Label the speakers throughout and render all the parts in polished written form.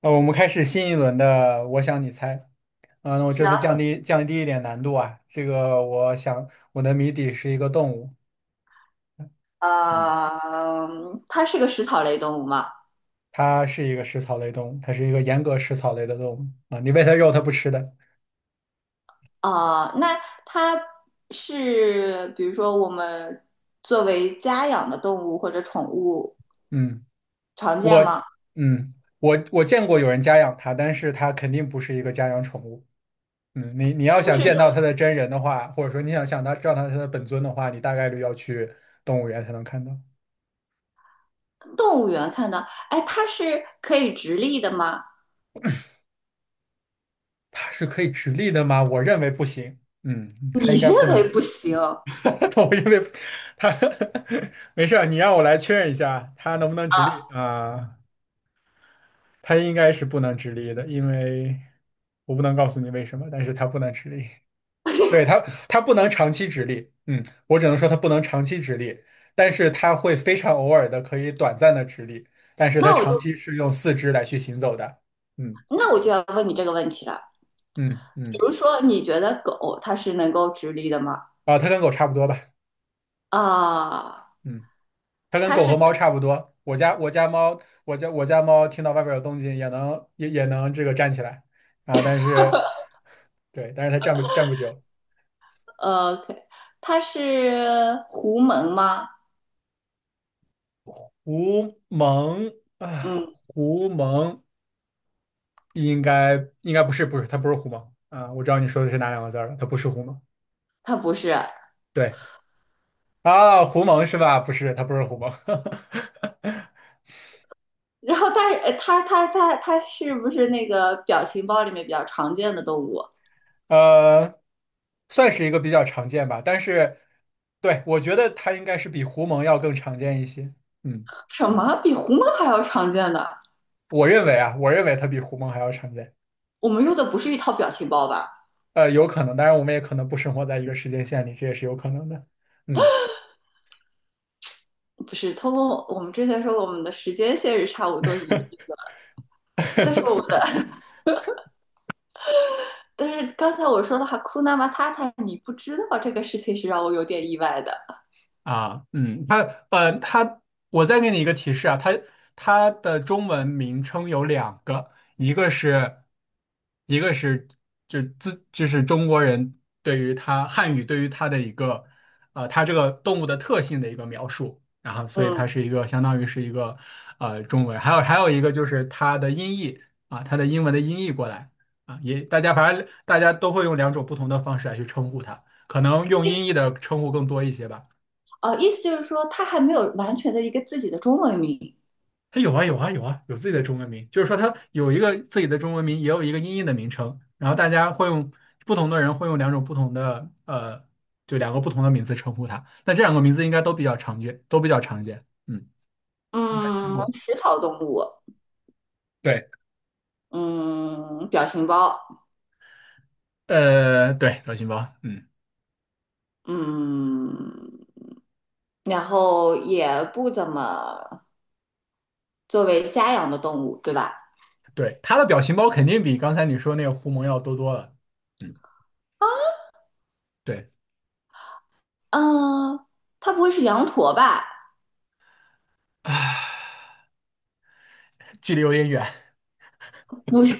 Speaker 1: 我们开始新一轮的"我想你猜"。那我这
Speaker 2: 行，
Speaker 1: 次降低一点难度啊。这个我想我的谜底是一个动物。嗯，
Speaker 2: 呃，它是个食草类动物吗？
Speaker 1: 它是一个食草类动物，它是一个严格食草类的动物啊。你喂它肉，它不吃的。
Speaker 2: 啊、那它是，比如说我们作为家养的动物或者宠物
Speaker 1: 嗯，
Speaker 2: 常见
Speaker 1: 我
Speaker 2: 吗？
Speaker 1: 嗯我见过有人家养它，但是它肯定不是一个家养宠物。嗯，你要
Speaker 2: 不
Speaker 1: 想
Speaker 2: 是
Speaker 1: 见
Speaker 2: 有
Speaker 1: 到它的真人的话，或者说你想知道它的本尊的话，你大概率要去动物园才能看到。
Speaker 2: 动物园看到。哎，它是可以直立的吗？
Speaker 1: 它是可以直立的吗？我认为不行。嗯，它
Speaker 2: 你
Speaker 1: 应该不
Speaker 2: 认
Speaker 1: 能
Speaker 2: 为不
Speaker 1: 直，
Speaker 2: 行，啊？
Speaker 1: 我认为它 没事儿，你让我来确认一下，它能不能直立啊？它应该是不能直立的，因为我不能告诉你为什么，但是它不能直立。对，它，它不能长期直立。嗯，我只能说它不能长期直立，但是它会非常偶尔的可以短暂的直立，但是它
Speaker 2: 那我
Speaker 1: 长
Speaker 2: 就
Speaker 1: 期是用四肢来去行走的。嗯
Speaker 2: 那我就要问你这个问题了。
Speaker 1: 嗯
Speaker 2: 比
Speaker 1: 嗯，
Speaker 2: 如说，你觉得狗它是能够直立的吗？
Speaker 1: 啊，它跟狗差不多吧。
Speaker 2: 啊，
Speaker 1: 嗯。它跟
Speaker 2: 它
Speaker 1: 狗
Speaker 2: 是
Speaker 1: 和猫差不多。我家猫听到外边有动静也能这个站起来啊，对，但是它站不久。
Speaker 2: 呃，它是狐獴吗？
Speaker 1: 狐獴
Speaker 2: 嗯。
Speaker 1: 啊，狐獴应该不是狐獴啊，我知道你说的是哪两个字儿了，它不是狐獴。
Speaker 2: 他不是。
Speaker 1: 对啊，狐獴是吧？不是，它不是狐獴。
Speaker 2: 然后但是呃他他他它是不是那个表情包里面比较常见的动物？
Speaker 1: 呃，算是一个比较常见吧，但是对，我觉得它应该是比狐獴要更常见一些。嗯。
Speaker 2: 什么比狐獴还要常见的？
Speaker 1: 我认为啊，我认为它比狐獴还要常见。
Speaker 2: 我们用的不是一套表情包吧？
Speaker 1: 有可能，当然我们也可能不生活在一个时间线里，这也是有可能的。嗯。
Speaker 2: 不是，通过我们之前说我们的时间线是差不多一致的。但是我 但是刚才我说了哈库纳马塔塔，你不知道这个事情是让我有点意外的。
Speaker 1: 啊，嗯，它呃，它，我再给你一个提示啊，它它的中文名称有两个，一个是一个是就是中国人对于它汉语对于它的一个它这个动物的特性的一个描述，然后所以它
Speaker 2: 嗯，
Speaker 1: 是一个相当于是一个中文，还有一个就是它的音译啊，它的英文的音译过来啊，大家反正大家都会用两种不同的方式来去称呼它，可能用
Speaker 2: 意思
Speaker 1: 音译的称呼更多一些吧。
Speaker 2: 意思就是说他还没有完全的一个自己的中文名。
Speaker 1: 它有啊，有自己的中文名，就是说它有一个自己的中文名，也有一个音译的名称，然后大家会用不同的人会用两种不同的就两个不同的名字称呼它。那这两个名字应该都比较常见，都比较常见，嗯，应该听
Speaker 2: 嗯，
Speaker 1: 过。
Speaker 2: 食草动物。
Speaker 1: 对，
Speaker 2: 嗯，表情包。
Speaker 1: 对，表情包，嗯，
Speaker 2: 嗯。然后也不怎么作为家养的动物，对吧？
Speaker 1: 对，它的表情包肯定比刚才你说那个狐獴要多多了，嗯，对，
Speaker 2: 嗯，它不会是羊驼吧？
Speaker 1: 啊，距离有点远，
Speaker 2: 不是，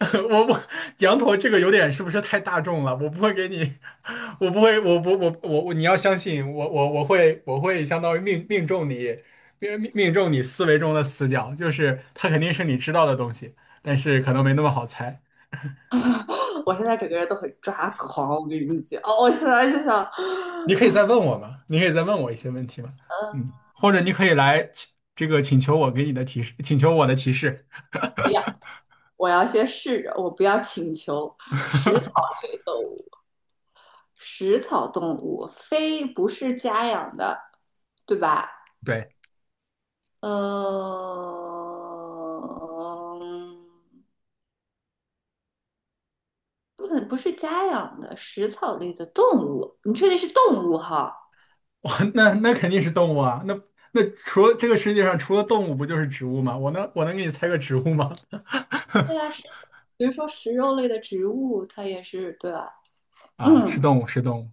Speaker 1: 我不，羊驼这个有点是不是太大众了？我不会给你，我不会，我不，我我我，你要相信我，我会相当于命中你，命中你思维中的死角，就是它肯定是你知道的东西，但是可能没那么好猜。
Speaker 2: 我现在整个人都很抓狂，我跟你讲。哦，我现在就想，
Speaker 1: 你可以再问我嘛，你可以再问我一些问题嘛，
Speaker 2: 嗯，
Speaker 1: 嗯，或者你可以来请这个请求我给你的提示，请求我的提示。
Speaker 2: 不要。我要先试着，我不要请求食草 类动物，食草动物，非不是家养的，对吧？
Speaker 1: 对。
Speaker 2: 嗯，不能不是家养的食草类的动物，你确定是动物哈？
Speaker 1: 哇，那那肯定是动物啊，那那除了这个世界上除了动物不就是植物吗？我能给你猜个植物吗？
Speaker 2: 对啊，比如说食肉类的植物，它也是对吧？
Speaker 1: 啊，是
Speaker 2: 嗯，
Speaker 1: 动物，是动物。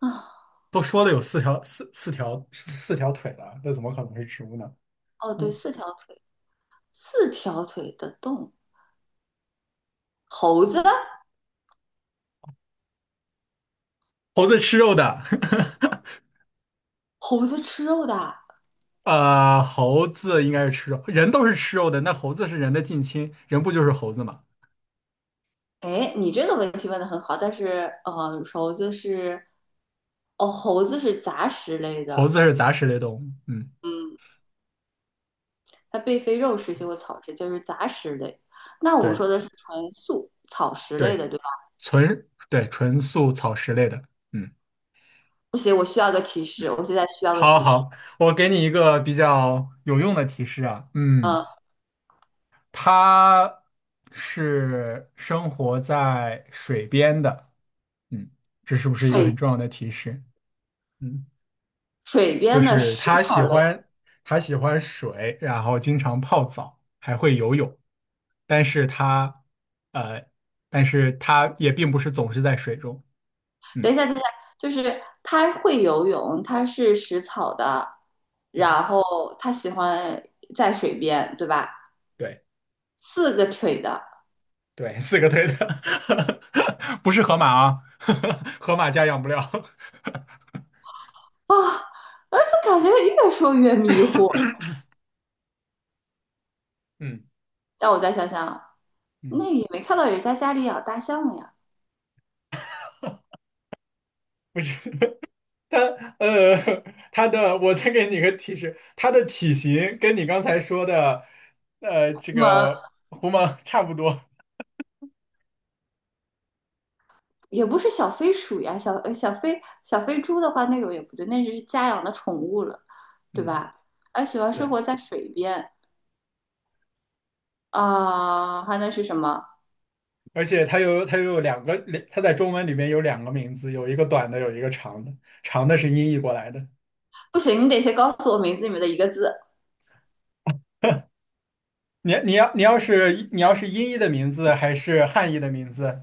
Speaker 2: 啊，
Speaker 1: 都说了有四条腿了，那怎么可能是植物呢？
Speaker 2: 哦，对，
Speaker 1: 嗯，
Speaker 2: 四条腿。四条腿的动物，猴子，
Speaker 1: 猴子吃肉的，
Speaker 2: 猴子吃肉的啊。
Speaker 1: 啊，猴子应该是吃肉，人都是吃肉的，那猴子是人的近亲，人不就是猴子吗？
Speaker 2: 哎，你这个问题问的很好，但是猴子是，哦，猴子是杂食类
Speaker 1: 猴
Speaker 2: 的。
Speaker 1: 子是杂食类动物，嗯，
Speaker 2: 嗯，它并非肉食性或草食，就是杂食类。那我们
Speaker 1: 对
Speaker 2: 说的是纯素草食类
Speaker 1: 对，
Speaker 2: 的，对吧？
Speaker 1: 纯素草食类的，嗯，
Speaker 2: 不行，我需要个提示，我现在需要个
Speaker 1: 好
Speaker 2: 提示。
Speaker 1: 好，我给你一个比较有用的提示啊，嗯，
Speaker 2: 嗯，
Speaker 1: 它是生活在水边的，嗯，这是不是一个很
Speaker 2: 水
Speaker 1: 重要的提示？嗯，
Speaker 2: 水
Speaker 1: 就
Speaker 2: 边的
Speaker 1: 是
Speaker 2: 食
Speaker 1: 它喜
Speaker 2: 草类。
Speaker 1: 欢它喜欢水，然后经常泡澡，还会游泳，但是呃，但是它也并不是总是在水中，
Speaker 2: 等
Speaker 1: 嗯，
Speaker 2: 一下，等一下，就是它会游泳，它是食草的，
Speaker 1: 对
Speaker 2: 然后它喜欢在水边，对吧？
Speaker 1: 对。
Speaker 2: 四个腿的啊，
Speaker 1: 对，四个腿的，不是河马啊，河马家养不了。
Speaker 2: 而且感觉越说越迷糊。
Speaker 1: 嗯
Speaker 2: 让我再想想，
Speaker 1: 嗯，
Speaker 2: 那也没看到人家家里养大象呀，
Speaker 1: 不是 它，呃，它的，我再给你个提示，它的体型跟你刚才说的，
Speaker 2: 我
Speaker 1: 这
Speaker 2: 们
Speaker 1: 个狐獴差不多。
Speaker 2: 也不是小飞鼠呀，小飞猪的话那种也不对，那是家养的宠物了，对
Speaker 1: 嗯，
Speaker 2: 吧？而喜欢生
Speaker 1: 对，
Speaker 2: 活在水边啊，还能是什么？
Speaker 1: 而且它又有两个，两它在中文里面有两个名字，有一个短的，有一个长的，长的是音译过来的。
Speaker 2: 不行，你得先告诉我名字里面的一个字。
Speaker 1: 你要是音译的名字还是汉译的名字？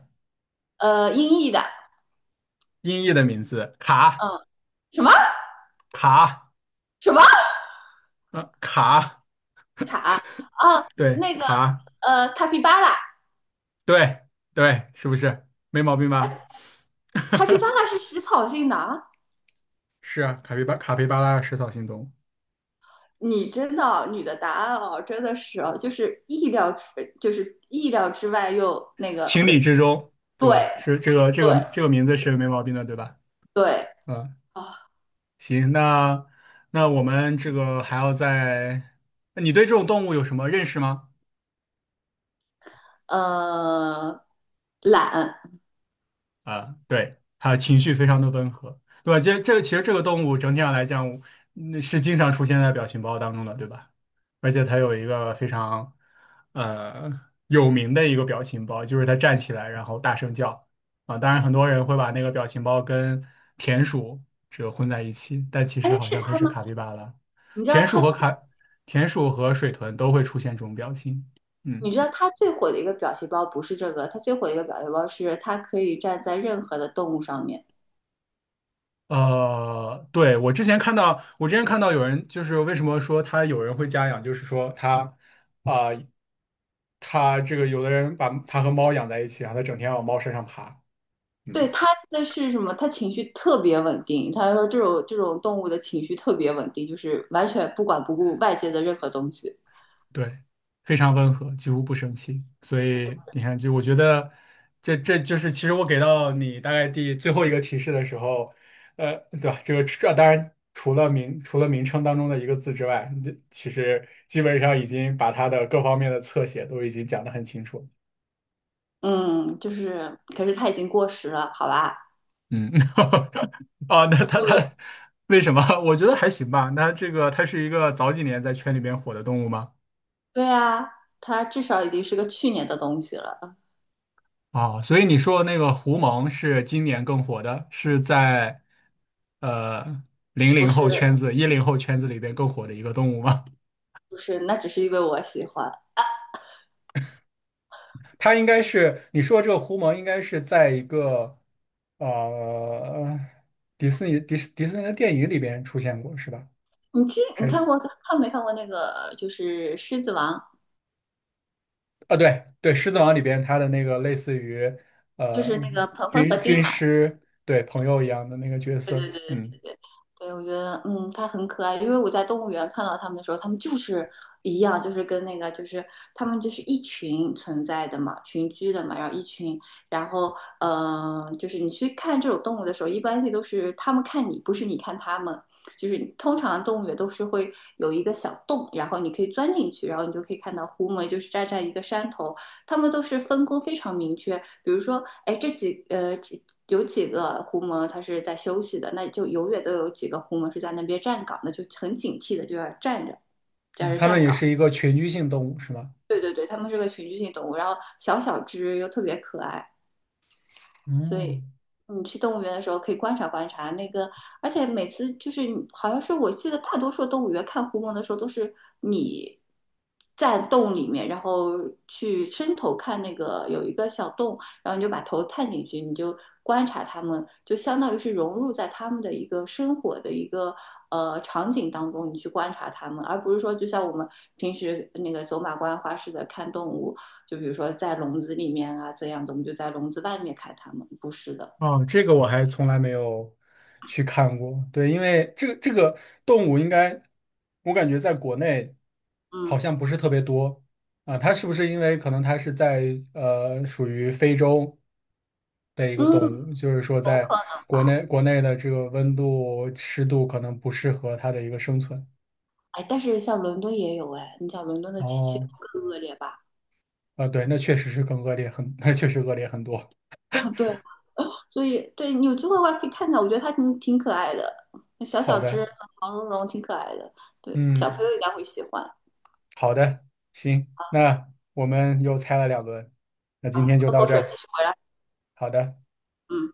Speaker 2: 音译的，
Speaker 1: 音译的名字，
Speaker 2: 嗯，什么
Speaker 1: 卡，
Speaker 2: 什么
Speaker 1: 嗯，卡，
Speaker 2: 啊？
Speaker 1: 对，
Speaker 2: 那个
Speaker 1: 卡，
Speaker 2: 塔皮巴拉。
Speaker 1: 对对，是不是？没毛病吧？
Speaker 2: 塔皮巴 拉是食草性的啊。
Speaker 1: 是啊，卡皮巴拉食草性动物，
Speaker 2: 你真的哦你的答案哦，真的是哦，就是意料之，就是意料之外又那个，不
Speaker 1: 情理
Speaker 2: 对，
Speaker 1: 之中，
Speaker 2: 对
Speaker 1: 对吧？是
Speaker 2: 对
Speaker 1: 这个名字是没毛病的，对吧？
Speaker 2: 对
Speaker 1: 嗯，
Speaker 2: 啊。
Speaker 1: 行，那那我们这个还要再，你对这种动物有什么认识吗？
Speaker 2: 呃，懒。
Speaker 1: 啊，对，它情绪非常的温和，对吧？这其实这个动物整体上来讲，嗯是经常出现在表情包当中的，对吧？而且它有一个非常呃有名的一个表情包，就是它站起来然后大声叫啊。当然，很多人会把那个表情包跟田鼠这个混在一起，但其
Speaker 2: 哎，
Speaker 1: 实好
Speaker 2: 是
Speaker 1: 像它
Speaker 2: 他
Speaker 1: 是
Speaker 2: 吗？
Speaker 1: 卡皮巴拉。
Speaker 2: 你知道
Speaker 1: 田鼠
Speaker 2: 他，
Speaker 1: 和卡，田鼠和水豚都会出现这种表情，
Speaker 2: 你
Speaker 1: 嗯。
Speaker 2: 知道他最火的一个表情包不是这个，他最火的一个表情包是他可以站在任何的动物上面。
Speaker 1: 我之前看到有人就是为什么说他有人会家养，就是说啊、他这个有的人把他和猫养在一起，然后他整天往猫身上爬，
Speaker 2: 对，
Speaker 1: 嗯。
Speaker 2: 他的是什么？他情绪特别稳定。他说这种动物的情绪特别稳定，就是完全不管不顾外界的任何东西。
Speaker 1: 对，非常温和，几乎不生气。所以你看，就我觉得这就是其实我给到你大概最后一个提示的时候，呃，对吧？这个当然除了名称当中的一个字之外，这其实基本上已经把它的各方面的侧写都已经讲的很清楚了。
Speaker 2: 嗯，就是，可是他已经过时了，好吧？
Speaker 1: 嗯，啊，那它
Speaker 2: 对，
Speaker 1: 它为什么？我觉得还行吧。那这个它是一个早几年在圈里边火的动物吗？
Speaker 2: 对啊，他至少已经是个去年的东西了。
Speaker 1: 啊，所以你说那个胡蒙是今年更火的，是在呃零
Speaker 2: 不
Speaker 1: 零后
Speaker 2: 是
Speaker 1: 圈子、一零后圈子里边更火的一个动物吗？
Speaker 2: 不是，那只是因为我喜欢。
Speaker 1: 它应该是你说这个狐蒙应该是在一个呃迪士尼的电影里边出现过是吧？
Speaker 2: 你这你
Speaker 1: 还
Speaker 2: 看过看没看过那个就是《狮子王》，
Speaker 1: 啊对对，《狮子王》里边它的那个类似于
Speaker 2: 就是
Speaker 1: 呃
Speaker 2: 那个鹏鹏和丁
Speaker 1: 军
Speaker 2: 满？
Speaker 1: 师对朋友一样的那个角
Speaker 2: 对对
Speaker 1: 色，
Speaker 2: 对。
Speaker 1: 嗯
Speaker 2: 对，我觉得，嗯，它很可爱，因为我在动物园看到它们的时候，它们就是一样，就是跟那个，就是它们就是一群存在的嘛，群居的嘛，然后一群，然后，就是你去看这种动物的时候，一般性都是它们看你，不是你看它们，就是通常动物园都是会有一个小洞，然后你可以钻进去，然后你就可以看到狐獴，就是站在一个山头，他们都是分工非常明确。比如说，哎，有几个狐獴它是在休息的，那就永远都有几个狐獴是在那边站岗的，就很警惕的就要站着，在
Speaker 1: 哦，
Speaker 2: 这
Speaker 1: 他们
Speaker 2: 站
Speaker 1: 也
Speaker 2: 岗。
Speaker 1: 是一个群居性动物是吗？
Speaker 2: 对对对，它们是个群居性动物，然后小小只又特别可爱，所
Speaker 1: 嗯。
Speaker 2: 以你去动物园的时候可以观察观察那个。而且每次就是好像是我记得大多数动物园看狐獴的时候都是你在洞里面，然后去伸头看那个有一个小洞，然后你就把头探进去，你就观察它们，就相当于是融入在它们的一个生活的一个场景当中，你去观察它们，而不是说就像我们平时那个走马观花似的看动物。就比如说在笼子里面啊这样子，我们就在笼子外面看它们，不是的，
Speaker 1: 哦，这个我还从来没有去看过。对，因为这个这个动物应该，我感觉在国内好
Speaker 2: 嗯
Speaker 1: 像不是特别多啊。它是不是因为可能它是在属于非洲的一个动物，
Speaker 2: 嗯。
Speaker 1: 就是说在国内的这个温度湿度可能不适合它的一个生存。
Speaker 2: 哎，但是像伦敦也有哎，你想伦敦的气
Speaker 1: 哦，
Speaker 2: 候更恶劣吧？
Speaker 1: 啊，对，那确实是更恶劣很，那确实恶劣很多。
Speaker 2: 啊，对，所以对你有机会的话可以看看，我觉得它挺挺可爱的，小
Speaker 1: 好
Speaker 2: 小只，
Speaker 1: 的，
Speaker 2: 毛茸茸，挺可爱的，对，小朋
Speaker 1: 嗯。
Speaker 2: 友应该会喜欢。
Speaker 1: 好的，行，那我们又猜了两轮，那今
Speaker 2: 啊，
Speaker 1: 天就
Speaker 2: 喝
Speaker 1: 到
Speaker 2: 口
Speaker 1: 这
Speaker 2: 水，继
Speaker 1: 儿。
Speaker 2: 续回来。
Speaker 1: 好的。
Speaker 2: 嗯。